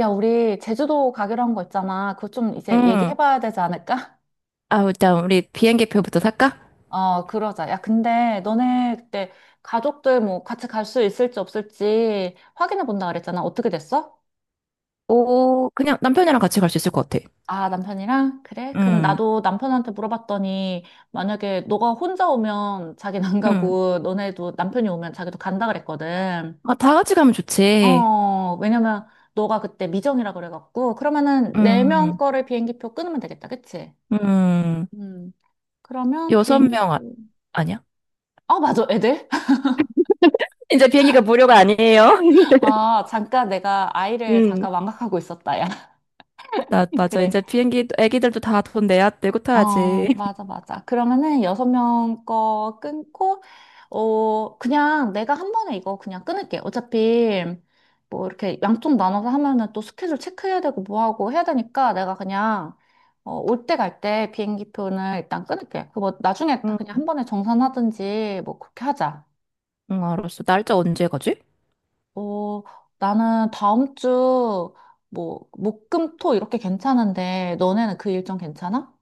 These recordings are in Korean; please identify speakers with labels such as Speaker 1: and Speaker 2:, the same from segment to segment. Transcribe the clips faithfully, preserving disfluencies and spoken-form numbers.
Speaker 1: 야, 우리 제주도 가기로 한 거 있잖아. 그거 좀 이제
Speaker 2: 응.
Speaker 1: 얘기해봐야 되지 않을까?
Speaker 2: 아, 일단 우리 비행기표부터 살까?
Speaker 1: 어, 그러자. 야, 근데 너네 그때 가족들 뭐 같이 갈 수 있을지 없을지 확인해 본다 그랬잖아. 어떻게 됐어?
Speaker 2: 오, 그냥 남편이랑 같이 갈 수 있을 것 같아.
Speaker 1: 아, 남편이랑? 그래? 그럼
Speaker 2: 응,
Speaker 1: 나도 남편한테 물어봤더니 만약에 너가 혼자 오면 자기는 안
Speaker 2: 응.
Speaker 1: 가고 너네도 남편이 오면 자기도 간다 그랬거든.
Speaker 2: 아, 다 같이 가면 좋지.
Speaker 1: 어, 왜냐면 너가 그때 미정이라 그래갖고 그러면은 네 명
Speaker 2: 응,
Speaker 1: 거를 비행기표 끊으면 되겠다. 그치?
Speaker 2: 응.
Speaker 1: 음. 그러면
Speaker 2: 여섯 명, 아,
Speaker 1: 비행기표.
Speaker 2: 아니야?
Speaker 1: 아, 맞아, 애들?
Speaker 2: 이제 비행기가 무료가 아니에요.
Speaker 1: 아, 잠깐 내가 아이를
Speaker 2: 응.
Speaker 1: 잠깐 망각하고 있었다, 야.
Speaker 2: 나, 맞아.
Speaker 1: 그래.
Speaker 2: 이제 비행기, 애기들도 다 돈 내야 되고 타야지.
Speaker 1: 어, 맞아, 맞아. 그러면은 여섯 명 거 끊고, 어, 그냥 내가 한 번에 이거 그냥 끊을게. 어차피 뭐 이렇게 양쪽 나눠서 하면은 또 스케줄 체크해야 되고 뭐 하고 해야 되니까 내가 그냥 어, 올 때 갈 때 비행기 표는 일단 끊을게. 그뭐 나중에 다
Speaker 2: 응,
Speaker 1: 그냥 한 번에 정산하든지 뭐 그렇게 하자.
Speaker 2: 응, 알았어. 날짜 언제 가지?
Speaker 1: 어, 나는 다음 주, 뭐, 목, 금, 토 이렇게 괜찮은데, 너네는 그 일정 괜찮아?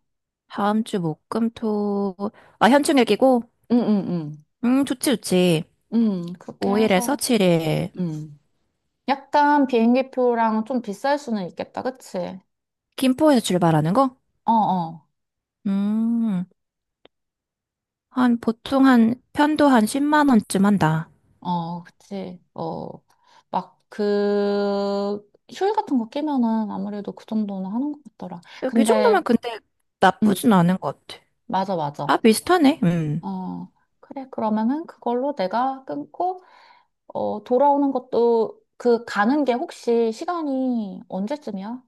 Speaker 2: 다음 주 목, 금, 토. 아, 현충 일기고?
Speaker 1: 응, 응, 응,
Speaker 2: 음, 좋지, 좋지.
Speaker 1: 응, 그렇게
Speaker 2: 오 일에서
Speaker 1: 해서.
Speaker 2: 칠 일.
Speaker 1: 응, 응. 약간 비행기 표랑 좀 비쌀 수는 있겠다, 그치?
Speaker 2: 김포에서 출발하는 거?
Speaker 1: 어, 어,
Speaker 2: 음. 한, 보통 한, 편도 한 십만 원쯤 한다.
Speaker 1: 어, 그치. 어, 막 그, 휴일 같은 거 끼면은 아무래도 그 정도는 하는 것 같더라.
Speaker 2: 이 정도면
Speaker 1: 근데,
Speaker 2: 근데
Speaker 1: 응.
Speaker 2: 나쁘진 않은 것 같아.
Speaker 1: 맞아,
Speaker 2: 아,
Speaker 1: 맞아.
Speaker 2: 비슷하네. 음.
Speaker 1: 어, 그래, 그러면은 그걸로 내가 끊고, 어, 돌아오는 것도 그 가는 게 혹시 시간이 언제쯤이야?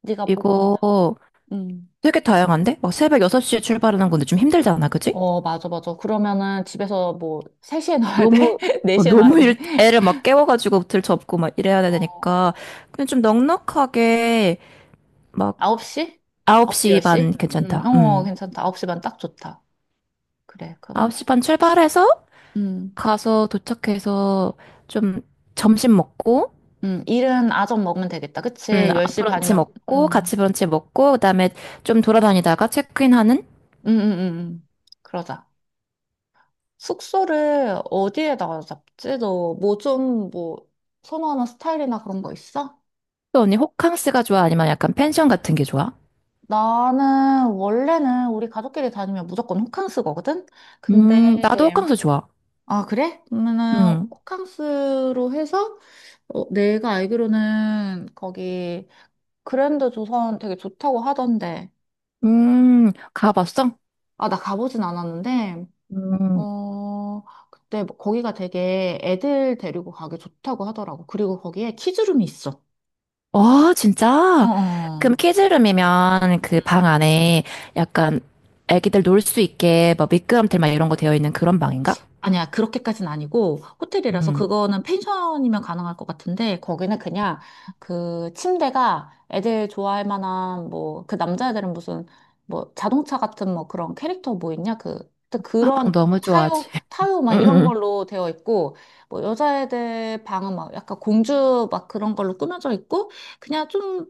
Speaker 1: 네가 보고 있는.
Speaker 2: 이거
Speaker 1: 음.
Speaker 2: 되게 다양한데? 막 새벽 여섯 시에 출발하는 건데 좀 힘들잖아, 그지?
Speaker 1: 어, 맞아, 맞아. 그러면은 집에서 뭐 세 시에 나와야 돼?
Speaker 2: 너무, 어,
Speaker 1: 네 시에 나와야
Speaker 2: 너무
Speaker 1: 돼?
Speaker 2: 일, 애를 막 깨워가지고 들 접고 막 이래야 되니까.
Speaker 1: 어,
Speaker 2: 근데 좀 넉넉하게 막
Speaker 1: 아홉 시? 아홉 시,
Speaker 2: 아홉 시 반
Speaker 1: 열 시? 음,
Speaker 2: 괜찮다.
Speaker 1: 어,
Speaker 2: 음.
Speaker 1: 괜찮다. 아홉 시면 딱 좋다. 그래, 그러면은.
Speaker 2: 아홉 시 반 출발해서
Speaker 1: 음,
Speaker 2: 가서 도착해서 좀 점심 먹고.
Speaker 1: 음, 일은 아점 먹으면 되겠다.
Speaker 2: 음,
Speaker 1: 그치?
Speaker 2: 아,
Speaker 1: 열 시
Speaker 2: 브런치
Speaker 1: 반이면,
Speaker 2: 먹고,
Speaker 1: 음,
Speaker 2: 같이 브런치 먹고, 그다음에 좀 돌아다니다가 체크인 하는?
Speaker 1: 음, 음, 음. 음. 그러자. 숙소를 어디에다가 잡지? 너 뭐 좀 뭐 선호하는 스타일이나 그런 거 있어?
Speaker 2: 또 언니 호캉스가 좋아? 아니면 약간 펜션 같은 게 좋아?
Speaker 1: 나는 원래는 우리 가족끼리 다니면 무조건 호캉스 거거든?
Speaker 2: 음, 나도
Speaker 1: 근데,
Speaker 2: 호캉스 좋아.
Speaker 1: 아, 그래? 그러면은
Speaker 2: 음,
Speaker 1: 호캉스로 해서 어, 내가 알기로는 거기 그랜드 조선 되게 좋다고 하던데.
Speaker 2: 음, 가봤어?
Speaker 1: 아, 나 가보진 않았는데,
Speaker 2: 음,
Speaker 1: 어, 그때 뭐 거기가 되게 애들 데리고 가기 좋다고 하더라고. 그리고 거기에 키즈룸이 있어.
Speaker 2: 어, 진짜?
Speaker 1: 어어.
Speaker 2: 그럼 키즈룸이면 그
Speaker 1: 음.
Speaker 2: 방 안에 약간 애기들 놀 수 있게 뭐 미끄럼틀 막 이런 거 되어 있는 그런 방인가?
Speaker 1: 아니야, 그렇게까지는 아니고, 호텔이라서
Speaker 2: 음,
Speaker 1: 그거는 펜션이면 가능할 것 같은데, 거기는 그냥 그 침대가 애들 좋아할 만한, 뭐, 그 남자애들은 무슨, 뭐, 자동차 같은 뭐 그런 캐릭터 뭐 있냐? 그, 또
Speaker 2: 아, 방
Speaker 1: 그런 뭐
Speaker 2: 너무
Speaker 1: 타요,
Speaker 2: 좋아하지.
Speaker 1: 타요
Speaker 2: 음,
Speaker 1: 막
Speaker 2: 음,
Speaker 1: 이런
Speaker 2: 음.
Speaker 1: 걸로 되어 있고, 뭐 여자애들 방은 막 약간 공주 막 그런 걸로 꾸며져 있고, 그냥 좀,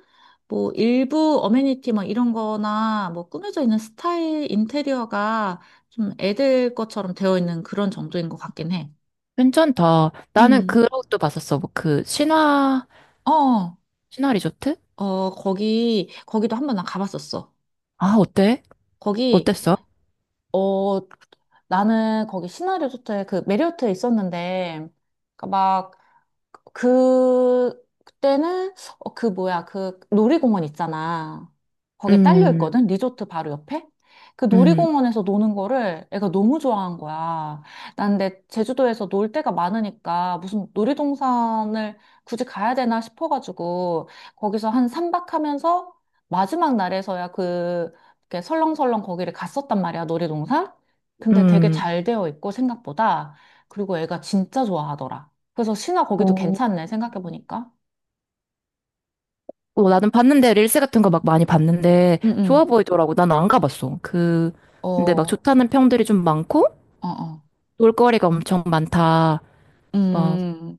Speaker 1: 뭐 일부 어메니티 막 이런 거나 뭐 꾸며져 있는 스타일 인테리어가 좀 애들 것처럼 되어 있는 그런 정도인 것 같긴 해.
Speaker 2: 괜찮다. 나는
Speaker 1: 음.
Speaker 2: 그 것도 봤었어. 뭐 그 신화,
Speaker 1: 어,
Speaker 2: 신화 리조트?
Speaker 1: 어, 거기, 거기도 한 번 나 가봤었어.
Speaker 2: 아, 어때?
Speaker 1: 거기,
Speaker 2: 어땠어?
Speaker 1: 어, 나는 거기 시나리오 호텔, 그 메리어트에 있었는데, 그러니까 막 그, 그때는, 어, 그 뭐야, 그 놀이공원 있잖아. 거기에 딸려
Speaker 2: 음,
Speaker 1: 있거든? 리조트 바로 옆에? 그
Speaker 2: 음,
Speaker 1: 놀이공원에서 노는 거를 애가 너무 좋아한 거야. 난 근데 제주도에서 놀 데가 많으니까 무슨 놀이동산을 굳이 가야 되나 싶어가지고 거기서 한 삼박 하면서 마지막 날에서야 그, 이렇게 설렁설렁 거기를 갔었단 말이야, 놀이동산? 근데 되게
Speaker 2: 음.
Speaker 1: 잘 되어 있고 생각보다. 그리고 애가 진짜 좋아하더라. 그래서 신화 거기도
Speaker 2: 어,
Speaker 1: 괜찮네, 생각해보니까.
Speaker 2: 어, 나는 봤는데, 릴스 같은 거 막 많이 봤는데,
Speaker 1: 응,
Speaker 2: 좋아
Speaker 1: 응.
Speaker 2: 보이더라고. 나는 안 가봤어. 그,
Speaker 1: 어,
Speaker 2: 근데 막
Speaker 1: 어,
Speaker 2: 좋다는 평들이 좀 많고,
Speaker 1: 어.
Speaker 2: 놀거리가 엄청 많다. 막,
Speaker 1: 음,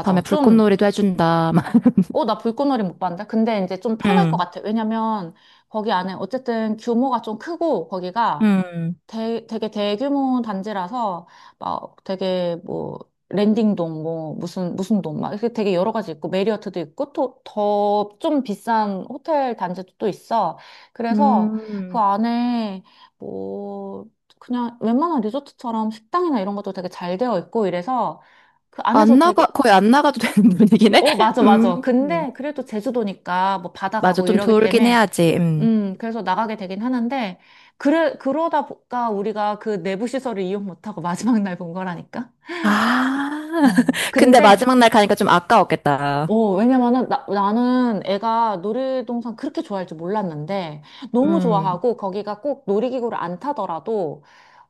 Speaker 2: 밤에
Speaker 1: 좀
Speaker 2: 불꽃놀이도 해준다. 막,
Speaker 1: 어, 나 불꽃놀이 못 봤는데? 근데 이제 좀 편할 것
Speaker 2: 음,
Speaker 1: 같아. 왜냐면 거기 안에 어쨌든 규모가 좀 크고 거기가
Speaker 2: 음,
Speaker 1: 대, 되게 대규모 단지라서 막 되게 뭐 랜딩동 뭐 무슨 무슨 동 막 이렇게 되게 여러 가지 있고 메리어트도 있고 또 더 좀 비싼 호텔 단지도 또 있어. 그래서 그
Speaker 2: 음.
Speaker 1: 안에 뭐 그냥 웬만한 리조트처럼 식당이나 이런 것도 되게 잘 되어 있고 이래서 그
Speaker 2: 안
Speaker 1: 안에서 되게
Speaker 2: 나가, 거의 안 나가도 되는 분위기네?
Speaker 1: 어, 맞아,
Speaker 2: 음,
Speaker 1: 맞아.
Speaker 2: 음.
Speaker 1: 근데 그래도 제주도니까 뭐 바다
Speaker 2: 맞아.
Speaker 1: 가고
Speaker 2: 좀
Speaker 1: 이러기
Speaker 2: 돌긴
Speaker 1: 때문에,
Speaker 2: 해야지. 음.
Speaker 1: 음, 그래서 나가게 되긴 하는데, 그래, 그러다 보니까 우리가 그 내부 시설을 이용 못하고 마지막 날 본 거라니까?
Speaker 2: 아,
Speaker 1: 어.
Speaker 2: 근데
Speaker 1: 근데,
Speaker 2: 마지막 날 가니까 좀 아까웠겠다.
Speaker 1: 어, 왜냐면은 나, 나는 애가 놀이동산 그렇게 좋아할 줄 몰랐는데, 너무
Speaker 2: 음.
Speaker 1: 좋아하고 거기가 꼭 놀이기구를 안 타더라도,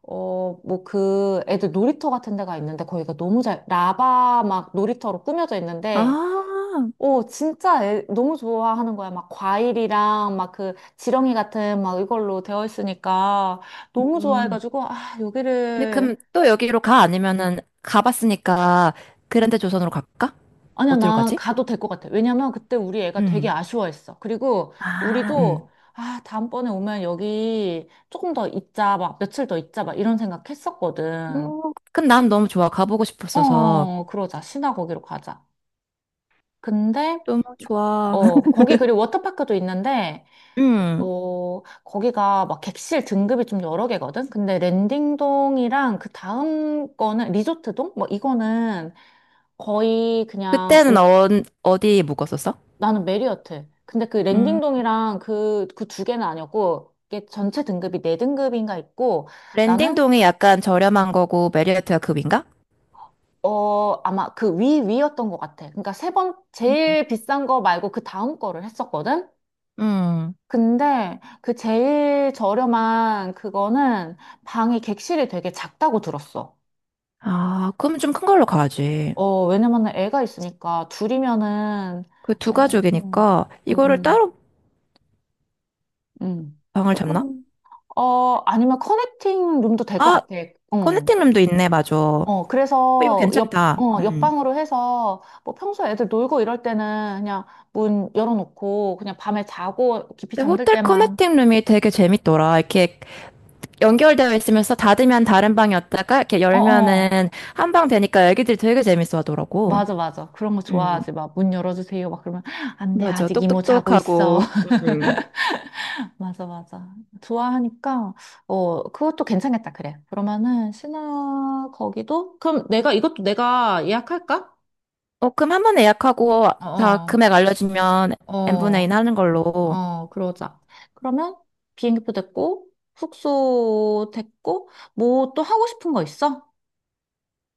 Speaker 1: 어, 뭐 그 애들 놀이터 같은 데가 있는데 거기가 너무 잘, 라바 막 놀이터로 꾸며져 있는데,
Speaker 2: 아,
Speaker 1: 오, 진짜 애- 너무 좋아하는 거야. 막 과일이랑 막 그 지렁이 같은 막 이걸로 되어 있으니까 너무
Speaker 2: 음.
Speaker 1: 좋아해가지고, 아,
Speaker 2: 근데
Speaker 1: 여기를.
Speaker 2: 그럼 또 여기로 가? 아니면은 가봤으니까 그랜드 조선으로 갈까?
Speaker 1: 아니야,
Speaker 2: 어디로
Speaker 1: 나
Speaker 2: 가지?
Speaker 1: 가도 될 것 같아. 왜냐면 그때 우리 애가 되게
Speaker 2: 음.
Speaker 1: 아쉬워했어. 그리고
Speaker 2: 아,
Speaker 1: 우리도,
Speaker 2: 음.
Speaker 1: 아, 다음번에 오면 여기 조금 더 있자, 막 며칠 더 있자, 막 이런 생각 했었거든.
Speaker 2: 어, 그럼 난 너무 좋아. 가보고 싶었어서.
Speaker 1: 어, 그러자. 신화 거기로 가자. 근데,
Speaker 2: 너무 좋아.
Speaker 1: 어, 거기 그리고 워터파크도 있는데,
Speaker 2: 음.
Speaker 1: 어, 거기가 막 객실 등급이 좀 여러 개거든? 근데 랜딩동이랑 그 다음 거는 리조트동? 뭐 이거는 거의 그냥
Speaker 2: 그때는
Speaker 1: 오-
Speaker 2: 어, 어디 묵었었어?
Speaker 1: 나는 메리어트. 근데 그
Speaker 2: 음.
Speaker 1: 랜딩동이랑 그, 그 두 개는 아니었고 이게 전체 등급이 네 등급인가 있고 나는
Speaker 2: 랜딩동이 약간 저렴한 거고 메리어트가 급인가?
Speaker 1: 어, 아마 그 위, 위였던 것 같아. 그러니까 세 번, 제일 비싼 거 말고 그 다음 거를 했었거든?
Speaker 2: 음.
Speaker 1: 근데 그 제일 저렴한 그거는 방이 객실이 되게 작다고 들었어.
Speaker 2: 아, 그럼 좀 큰 걸로 가야지.
Speaker 1: 어, 왜냐면은 애가 있으니까 둘이면은,
Speaker 2: 그 두
Speaker 1: 어, 음,
Speaker 2: 가족이니까
Speaker 1: 음,
Speaker 2: 이거를
Speaker 1: 음,
Speaker 2: 따로
Speaker 1: 음.
Speaker 2: 방을 잡나?
Speaker 1: 조금, 어, 아니면 커넥팅 룸도 될 것
Speaker 2: 아,
Speaker 1: 같아. 어,
Speaker 2: 커넥팅 룸도 있네, 맞아. 어,
Speaker 1: 어,
Speaker 2: 이거
Speaker 1: 그래서 옆,
Speaker 2: 괜찮다.
Speaker 1: 어,
Speaker 2: 음.
Speaker 1: 옆방으로 해서 뭐 평소 애들 놀고 이럴 때는 그냥 문 열어놓고 그냥 밤에 자고 깊이
Speaker 2: 근데
Speaker 1: 잠들
Speaker 2: 호텔
Speaker 1: 때만,
Speaker 2: 커넥팅 룸이 되게 재밌더라. 이렇게 연결되어 있으면서 닫으면 다른 방이었다가 이렇게
Speaker 1: 어, 어.
Speaker 2: 열면은 한 방 되니까 애기들이 되게 재밌어 하더라고.
Speaker 1: 맞아, 맞아. 그런 거
Speaker 2: 음,
Speaker 1: 좋아하지. 막 문 열어주세요. 막 그러면 안 돼.
Speaker 2: 맞아.
Speaker 1: 아직 이모 자고 있어.
Speaker 2: 똑똑똑하고. 음.
Speaker 1: 맞아, 맞아. 좋아하니까, 어, 그것도 괜찮겠다, 그래. 그러면은, 신화, 거기도? 그럼 내가, 이것도 내가 예약할까?
Speaker 2: 어, 그럼 한 번 예약하고 다
Speaker 1: 어,
Speaker 2: 금액 알려주면
Speaker 1: 어,
Speaker 2: n분의 인
Speaker 1: 어,
Speaker 2: 하는 걸로. 어,
Speaker 1: 어, 그러자. 그러면, 비행기표 됐고, 숙소 됐고, 뭐 또 하고 싶은 거 있어?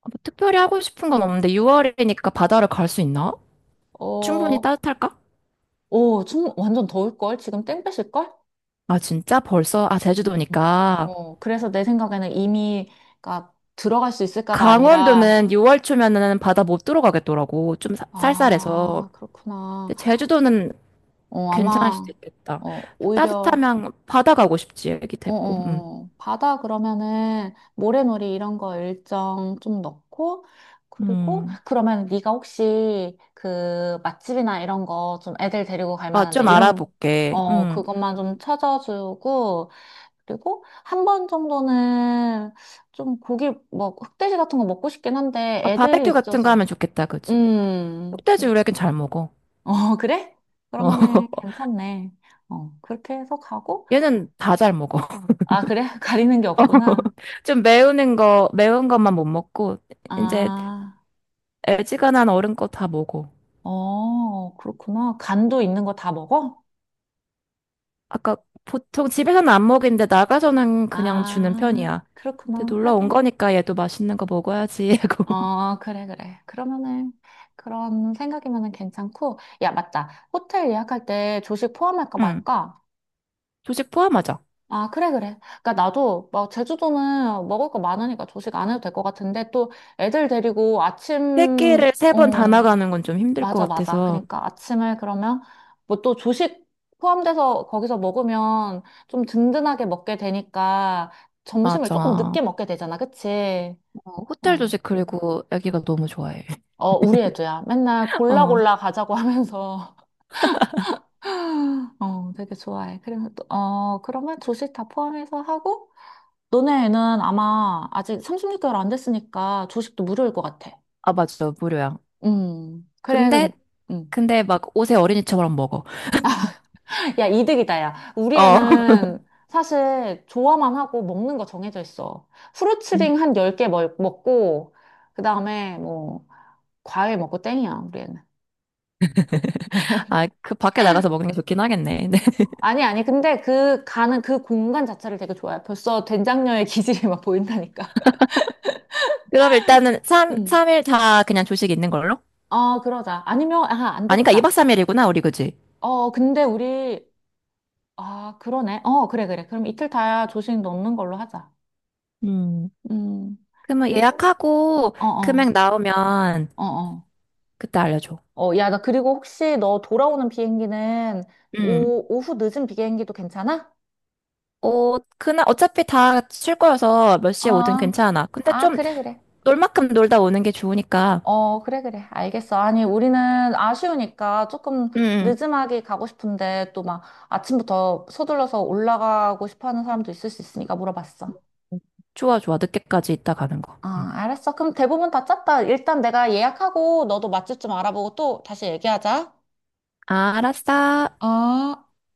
Speaker 2: 뭐 특별히 하고 싶은 건 없는데 유월이니까 바다를 갈 수 있나? 충분히
Speaker 1: 어,
Speaker 2: 따뜻할까?
Speaker 1: 오, 좀 완전 더울걸? 지금 땡 뺏을걸?
Speaker 2: 아, 진짜? 벌써? 아,
Speaker 1: 음.
Speaker 2: 제주도니까.
Speaker 1: 어, 그래서 내 생각에는 이미, 가 들어갈 수 있을까가 아니라,
Speaker 2: 강원도는 유월 초면은 바다 못 들어가겠더라고. 좀 사- 쌀쌀해서.
Speaker 1: 아, 그렇구나.
Speaker 2: 근데 제주도는
Speaker 1: 어,
Speaker 2: 괜찮을 수도
Speaker 1: 아마,
Speaker 2: 있겠다.
Speaker 1: 어, 오히려,
Speaker 2: 따뜻하면 바다 가고 싶지, 애기
Speaker 1: 어,
Speaker 2: 데리고. 음.
Speaker 1: 어, 어. 바다 그러면은 모래놀이 이런 거 일정 좀 넣고, 그리고
Speaker 2: 음.
Speaker 1: 그러면 네가 혹시 그 맛집이나 이런 거 좀 애들 데리고 갈
Speaker 2: 아,
Speaker 1: 만한데
Speaker 2: 좀
Speaker 1: 이런,
Speaker 2: 알아볼게.
Speaker 1: 어,
Speaker 2: 음.
Speaker 1: 그것만 좀 찾아주고, 그리고 한 번 정도는 좀 고기, 뭐, 흑돼지 같은 거 먹고 싶긴 한데
Speaker 2: 아,
Speaker 1: 애들이
Speaker 2: 바베큐 같은 거
Speaker 1: 있어서.
Speaker 2: 하면 좋겠다, 그지?
Speaker 1: 음,
Speaker 2: 흑돼지
Speaker 1: 그니까.
Speaker 2: 우리 애긴 잘 먹어.
Speaker 1: 어, 그래?
Speaker 2: 어.
Speaker 1: 그러면은 괜찮네. 어, 그렇게 해서 가고,
Speaker 2: 얘는 다 잘 먹어.
Speaker 1: 아, 그래? 가리는 게 없구나.
Speaker 2: 좀 매운 거, 매운 것만 못 먹고, 이제
Speaker 1: 아,
Speaker 2: 애지간한 어른 거 다 먹어.
Speaker 1: 어, 그렇구나. 간도 있는 거 다 먹어?
Speaker 2: 아까 보통 집에서는 안 먹이는데 나가서는 그냥 주는
Speaker 1: 아,
Speaker 2: 편이야. 근데
Speaker 1: 그렇구나.
Speaker 2: 놀러 온
Speaker 1: 하긴.
Speaker 2: 거니까 얘도 맛있는 거 먹어야지 하고.
Speaker 1: 어, 그래, 그래. 그러면은, 그런 생각이면은 괜찮고. 야, 맞다. 호텔 예약할 때 조식 포함할까
Speaker 2: 응.
Speaker 1: 말까?
Speaker 2: 조식 포함하자.
Speaker 1: 아, 그래, 그래. 그니까 나도, 막, 제주도는 먹을 거 많으니까 조식 안 해도 될 것 같은데, 또 애들 데리고 아침,
Speaker 2: 새끼를 세 번 다
Speaker 1: 어,
Speaker 2: 나가는 건 좀 힘들 것
Speaker 1: 맞아, 맞아.
Speaker 2: 같아서.
Speaker 1: 그러니까 아침을 그러면 뭐 또 조식 포함돼서 거기서 먹으면 좀 든든하게 먹게 되니까 점심을
Speaker 2: 맞아.
Speaker 1: 조금
Speaker 2: 어,
Speaker 1: 늦게 먹게 되잖아. 그치?
Speaker 2: 호텔
Speaker 1: 어,
Speaker 2: 조식 그리고 애기가 너무 좋아해.
Speaker 1: 어, 우리 애도야. 맨날 골라
Speaker 2: 어,
Speaker 1: 골라 가자고 하면서 어, 되게 좋아해. 그래서 또, 어, 그러면 조식 다 포함해서 하고 너네 애는 아마 아직 삼십육 개월 안 됐으니까 조식도 무료일 것 같아.
Speaker 2: 아, 맞아. 무료야.
Speaker 1: 음, 그래.
Speaker 2: 근데,
Speaker 1: 그럼, 음.
Speaker 2: 근데 막 옷에 어린이처럼 먹어.
Speaker 1: 야, 이득이다, 야. 우리
Speaker 2: 어.
Speaker 1: 애는 사실 좋아만 하고 먹는 거 정해져 있어.
Speaker 2: 음.
Speaker 1: 후루츠링 한 열 개 먹, 먹고, 그 다음에 뭐, 과일 먹고 땡이야, 우리 애는.
Speaker 2: 아, 그 밖에 나가서 먹는 게 좋긴 하겠네. 네.
Speaker 1: 아니, 아니, 근데 그 가는 그 공간 자체를 되게 좋아해. 벌써 된장녀의 기질이 막 보인다니까.
Speaker 2: 그럼 일단은 삼,
Speaker 1: 응.
Speaker 2: 삼일다 그냥 조식 있는 걸로?
Speaker 1: 아, 그러자. 아니면, 아, 안
Speaker 2: 아니까 이 박
Speaker 1: 되겠다.
Speaker 2: 삼 일이구나, 우리 그지?
Speaker 1: 어, 근데 우리, 아, 그러네. 어, 그래, 그래. 그럼 이틀 다 조식 넣는 걸로 하자.
Speaker 2: 음,
Speaker 1: 음,
Speaker 2: 그러면
Speaker 1: 그리고,
Speaker 2: 예약하고
Speaker 1: 어,
Speaker 2: 금액
Speaker 1: 어,
Speaker 2: 나오면
Speaker 1: 어, 어.
Speaker 2: 그때 알려줘.
Speaker 1: 어, 야, 나 그리고 혹시 너 돌아오는 비행기는
Speaker 2: 음.
Speaker 1: 오, 오후 늦은 비행기도 괜찮아?
Speaker 2: 어, 그날 어차피 다 쉴 거여서 몇 시에 오든
Speaker 1: 아,
Speaker 2: 괜찮아. 근데
Speaker 1: 아,
Speaker 2: 좀
Speaker 1: 그래, 그래.
Speaker 2: 놀 만큼 놀다 오는 게 좋으니까.
Speaker 1: 어, 그래, 그래. 알겠어. 아니, 우리는 아쉬우니까 조금
Speaker 2: 응,
Speaker 1: 늦음하게 가고 싶은데 또 막 아침부터 서둘러서 올라가고 싶어 하는 사람도 있을 수 있으니까 물어봤어.
Speaker 2: 응. 좋아, 좋아. 늦게까지 있다 가는 거. 응.
Speaker 1: 아, 알았어. 그럼 대부분 다 짰다. 일단 내가 예약하고 너도 맛집 좀 알아보고 또 다시 얘기하자.
Speaker 2: 알았어.
Speaker 1: 어.